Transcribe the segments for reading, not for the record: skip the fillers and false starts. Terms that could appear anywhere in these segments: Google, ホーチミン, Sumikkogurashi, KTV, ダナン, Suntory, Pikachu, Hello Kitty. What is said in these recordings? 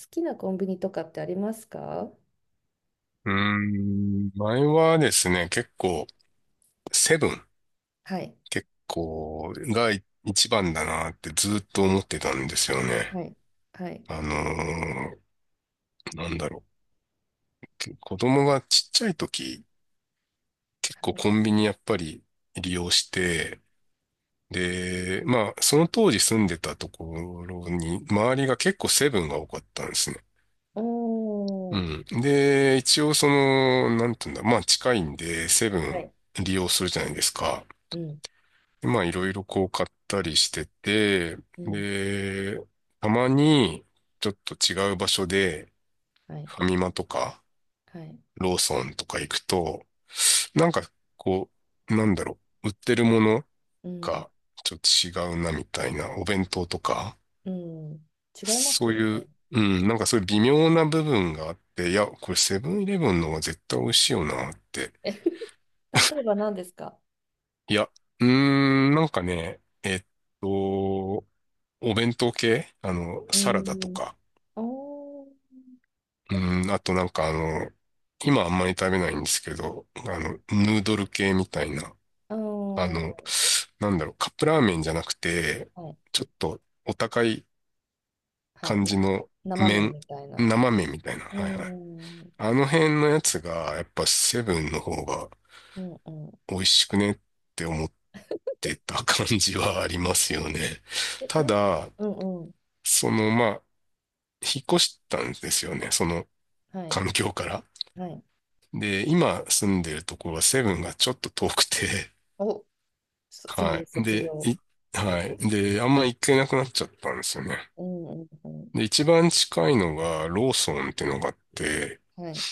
好きなコンビニとかってありますか？うー前はですね、結構、セブン、はい、結構、が一番だなってずっと思ってたんですよね。はい、はい、あのーなんだろ子供がちっちゃい時、結は構い。コンビニやっぱり利用して、で、まあ、その当時住んでたところに、周りが結構セブンが多かったんですね。おうー、ん。で、一応その、なんていうんだ、まあ近いんで、セブはンい、利用するじゃないですか。うん、まあいろいろこう買ったりしてて、うん、で、たまにちょっと違う場所ではい、ファミマとかはい、ローソンとか行くと、なんかこ売ってるものうん、がちょっと違うなみたいな、お弁当とか、うん。違いますそうよいね。う、うん、なんかそういう微妙な部分があって、いや、これセブンイレブンの方が絶対美味しいよなって。例えば何ですか？いや、なんかね、と、お弁当系あの、えサラダとー、か。おー、うえ、ん、あとなんかあの、今あんまり食べないんですけど、あはの、い、ヌードル系みたいな。おあの、ー、なんだろう、カップラーメンじゃなくて、はい、ちょっとお高いはい、感じの生麺麺、みたいな。生麺みたいな。うーはいはい。ん、あの辺のやつが、やっぱセブンの方がうん、うん。美味しくねって思ってた感じはありますよね。え、たなん、だ、うん、うん、その、まあ、引っ越したんですよね。そのはい、環境から。はい。で、今住んでるところはセブンがちょっと遠くて、お、そ、せはい。卒で、業。はい。で、あんま行けなくなっちゃったんですよね。うん、うん、うん。で、一番近いのがローソンっていうのがあって、はい。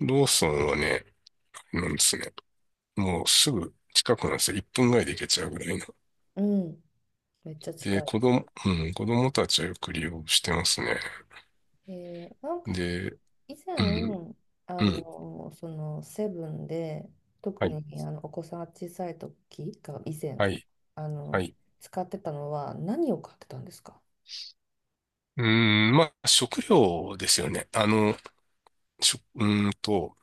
ローソンはね、なんですね。もうすぐ近くなんですよ。1分ぐらいで行けちゃうぐらいの。うん、めっちゃで、近い。子供、うん、子供たちはよく利用してますね。えー、なんかで、以前、うん、うん、そのセブンで、は特い、にお子さんが小さい時が以前、はい、あはの、い。使ってたのは何を買ってたんですか？うーまあ、食料ですよね。あの、しょ、うーんと、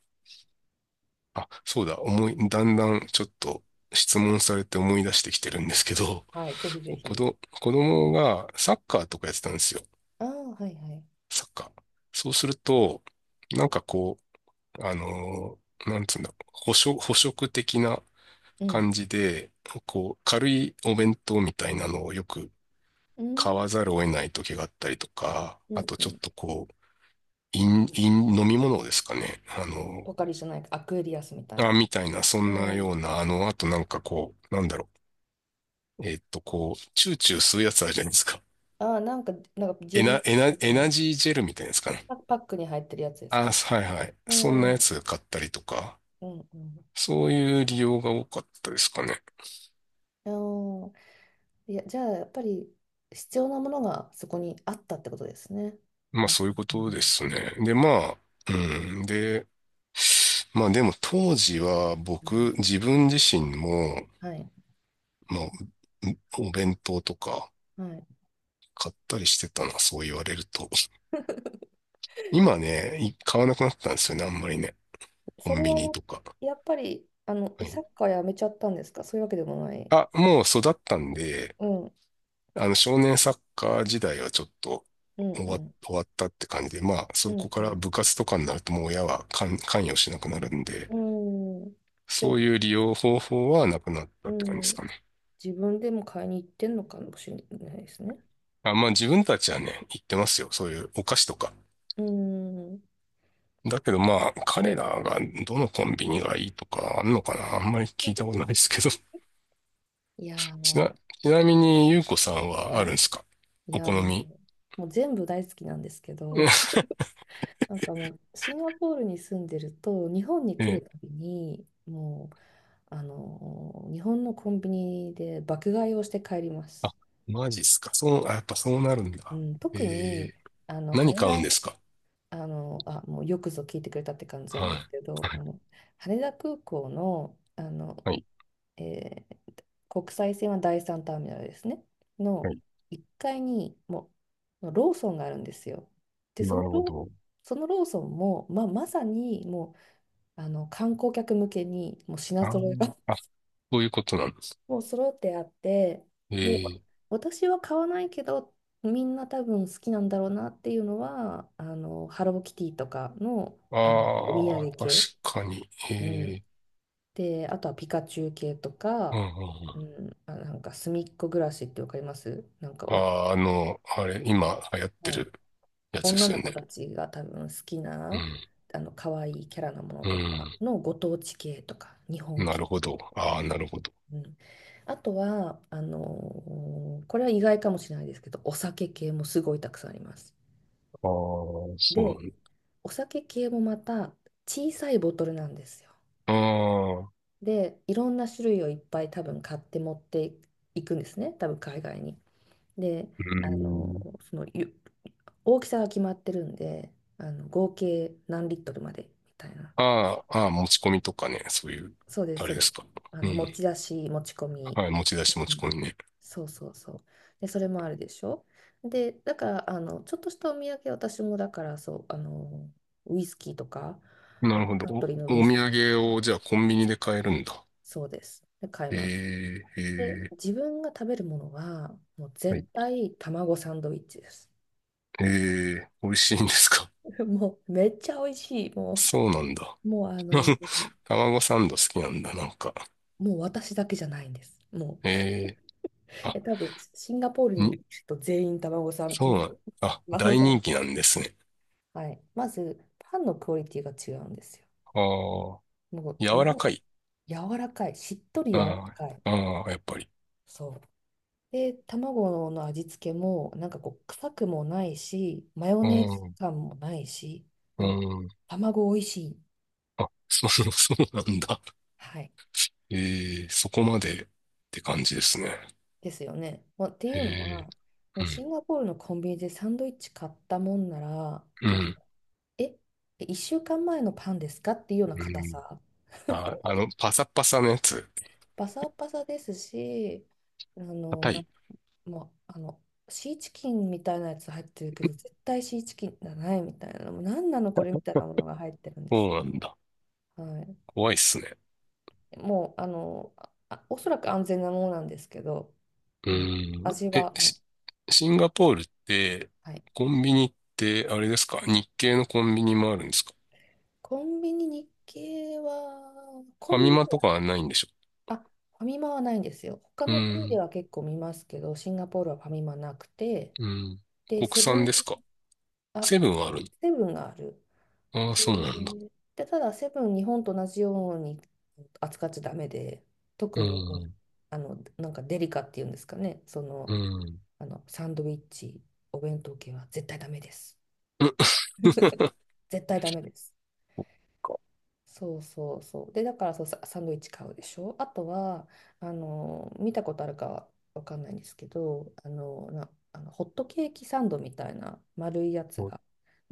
あ、そうだ、だんだんちょっと質問されて思い出してきてるんですけど、はい、ぜひぜ 子ひ。ど、子供がサッカーとかやってたんですよ。ああ、はいはい。サッカー。そうすると、なんかこう、あのーなんつうんだろう、捕食的なうん。感じで、こう、軽いお弁当みたいなのをよくう買ん、わざるを得ない時があったりとか、うあん、とうちょっん。とこう、飲み物ですかね。あポのポカリじゃないか、アクエリアスみたーいあ、な。みたいな、そうんなよん。うな、あの、あとなんかこう、なんだろう。こう、チューチュー吸うやつあるじゃないですか。ああ、なんか、ジェリーみたいエナな、ジージェルみたいなやつかな。パックに入ってるやつですあ、か？はいはい。うそんなん、うやん、つ買ったりとか、うん。そういう利用が多かったですかね。あー、いや、じゃあ、やっぱり必要なものがそこにあったってことですね。まあうん、そういうことですね。で、まあ、うん。で、まあでも当時はうん、僕、自分自身も、はい、まあ、お弁当とかはい。買ったりしてたな、そう言われると。今ね、買わなくなったんですよね、あんまりね。コそンれビはや、ニとか。やっぱり、はサッい。カーやめちゃったんですか？そういうわけでもない。あ、もう育ったんで、うん、うあの、少年サッカー時代はちょっとん、うん、終わったって感じで、まあ、うそこん、からう部活とかになるともう親は関与しなくなるんで、ん。うん。じゃあ、そういう利用方法はなくなったうって感じでん、すかね。自分でも買いに行ってんのかもしれないですね。あ、まあ自分たちはね、言ってますよ。そういうお菓子とか。うん。だけどまあ、彼らがどのコンビニがいいとかあんのかなあんまり聞いたことないですけど。いやちな、ー、ちなみに、ゆうこさんはあはるんでい。すかいおや好ー、み。もう全部大好きなんですけど、なんかもうシンガポールに住んでると日本にえ来るえ。たびにもう日本のコンビニで爆買いをして帰りまあ、す。マジっすか。そう、あ、やっぱそうなるんうだ。ん、特えにえ何羽買う田、んですかもうよくぞ聞いてくれたって感じなんはですけい。ど、はい。羽田空港の、はい。えー国際線は第3ターミナルですね、はのい1階にもローソンがあるんですよ。で、なるほど。そのローソンも、まあ、まさにもう観光客向けにもう品あ揃えーが あ、そういうことなんです。もう揃ってあって、で、えー。私は買わないけど、みんな多分好きなんだろうなっていうのはハローキティとかの、お土ああ、産確系、かに。えうん、ー。で、あとはピカチュウ系とうんうんか、ううん。ん、あ、なんかすみっこ暮らしってわかります？なんか、お、あー、あの、あれ、今流行ってはい、るやつで女すよの子ね。たちが多分好きうなん。可愛いキャラのものとかのご当地系とか日うん。本なる系、ほど。ああ、なるほど。うん、あとは、これは意外かもしれないですけど、お酒系もすごいたくさんあります。ああ、そうなんで、だ。お酒系もまた小さいボトルなんですよ。ああ、で、いろんな種類をいっぱい多分買って持っていくんですね、多分海外に。で、うあのん。ーそのゆ大きさが決まってるんで、合計何リットルまでみたいな。ああ、ああ、持ち込みとかね、そういう、そうです、あそれうでですす。か。うん。持ち出し、持ち込み。はい、持ち出し持ち込みね。そうそうそう。で、それもあるでしょ。で、だから、ちょっとしたお土産、私もだから、そう、ウイスキーとか、なあ、るほど。サンお、トリーのウイおス土キーと産か、をじゃあコンビニで買えるんだ。そうです。で、買います。えで、ええ自分が食べるものは、もうーはい。絶対卵サンドイッチです。ええ美味しいんですか もう、めっちゃ美味しい。もそうなんだ。う、もう、卵サンド好きなんだ、なんか。もう私だけじゃないんです。もえーう、あ、え、多分、シンガポールにいに、る人全員卵サン、そうなん、あ、卵大サ人ン。気なんですね。はい。まず、パンのクオリティが違うんですよ。ああ、もう、み柔んらなかい。柔らかい。しっとり柔らあかい。あ、ああ、やっぱり。そう。で、卵の味付けも、なんかこう、臭くもないし、マヨうネーズん、感もないし、うもう、ん。卵美味しい。あ、そう、そうなんだ。はい。えーそこまでって感じですね。ですよね。まあ、っていえうのーは、もうシンガポールのコンビニでサンドイッチ買ったもんなら、うなんか、ん、え、1週間前のパンですかっていうようなうん、硬うん。さ。あ、あの、パサパサのやつ。パサパサですし、あの、硬なんい。か、まああの、シーチキンみたいなやつ入ってるけど、絶対シーチキンじゃないみたいな、もう何なのこれみたいなものが入ってるんです。そうなんだ。はい。怖いっすね。もう、おそらく安全なものなんですけど、もう、味え、は、もう、シンガポールって、はい。コンビニって、あれですか日系のコンビニもあるんですかコンビニ日系は、コファンミビマニとは、かはないんでしょあ、ファミマはないんですよ。他うーの国でん。は結構見ますけど、シンガポールはファミマなくて、うん。で、国セブ産ン、ですかあ、セブンはあるセブンがある。のああそうなんだ。で、ただセブン日本と同じように扱っちゃダメで、特うーにん。なんかデリカっていうんですかね、その、うん。サンドイッチお弁当系は絶対ダメです。 絶対ダメです。かそうそうそう、で、だから、そう、サンドイッチ買うでしょ、あとは見たことあるかわかんないんですけど、あのなあのホットケーキサンドみたいな丸いやつホッが、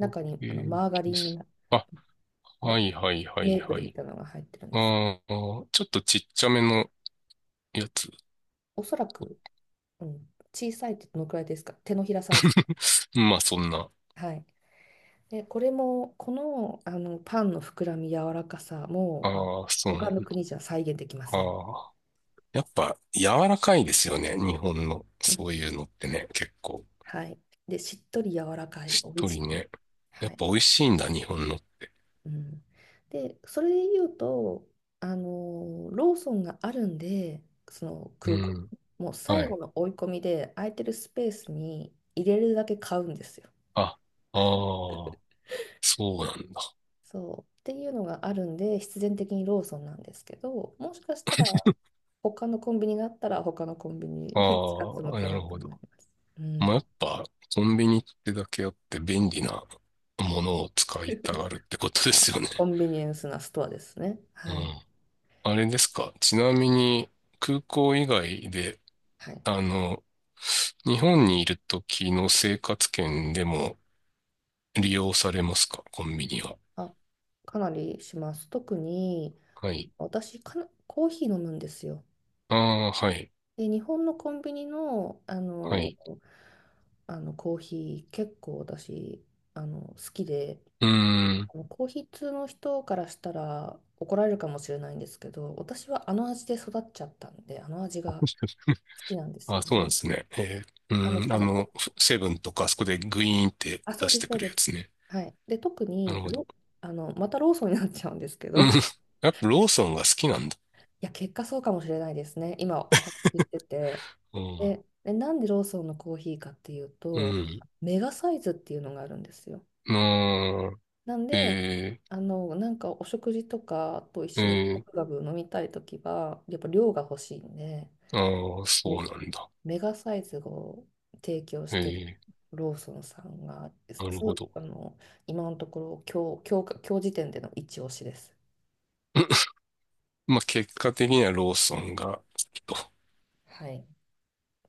トにケーマーガキリン、ス。あ、はま、いはいはいメープはルみい。たいなのが入ってるんです。ああ、ちょっとちっちゃめのやつ。おそらく、うん、小さいってどのくらいですか？手のひらサイズ。まあそんな。はい。で、これも、この、パンの膨らみ、柔らかさも、あ、ああ、そうな他のんだ。国じゃ再現できません。ああ。やっぱ柔らかいですよね。日本のうん、そういうのってね。結構はい。で、しっとり柔らかい、しっ美味としりい。ね。やはっい。ぱ美味しいんだ、日本の。うん、で、それで言うと、ローソンがあるんで、そのう空港、ん。もうは最後い。の追い込みで、空いてるスペースに入れるだけ買うんですよ。あ、ああ、そうなんだ。そうっていうのがあるんで必然的にローソンなんですけど、もしかしたら他のコンビニがあったら他のコンビニ あ 使ったのあ、かなるなとほ思いまど。す。うまあ、やん。っぱコンビニってだけあって便利なものを使いたがるってことであ、すよね。コンビニエンスなストアですね。うはい。ん。あれですか。ちなみに空港以外で、はい。あの、日本にいる時の生活圏でも利用されますか、コンビニは。あ、かなりします。特にはい。私かな、コーヒー飲むんですよ。ああ、はい。で、日本のコンビニの、はい。コーヒー結構私好きで。うーん。ヒー筆の人からしたら怒られるかもしれないんですけど、私はあの味で育っちゃったんで、あの味が 好きなんですあ、よそうなんでね。すね。えー、あの、ああの、の、こセブンとか、あそこでグイーンってあ、そ出うしでてす、そくうるやです。つね。はい。で、特なるに、ほど。あの、またローソンになっちゃうんですけど、いうん。やっぱローソンが好きなんだ。や、結果そうかもしれないですね。今お話ししてて。うん。で、なんでローソンのコーヒーかっていううと、ん。メガサイズっていうのがあるんですよ。なあなんー、で、えなんかお食事とかと一ー、緒にガえブガブ飲みたいときは、やっぱ量が欲しいんで、ー、ああ、そうめなんだ。メガサイズを提供してるえローソンさんが、ー、なるそほう、ど。あの、今のところ今日、今日か、今日時点での一押しです。まあ、結果的にはローソンが好きと。はい。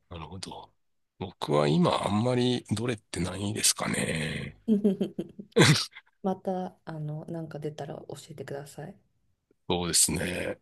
なるほど。僕は今あんまりどれってないですかね。また、なんか出たら教えてください。そうですね。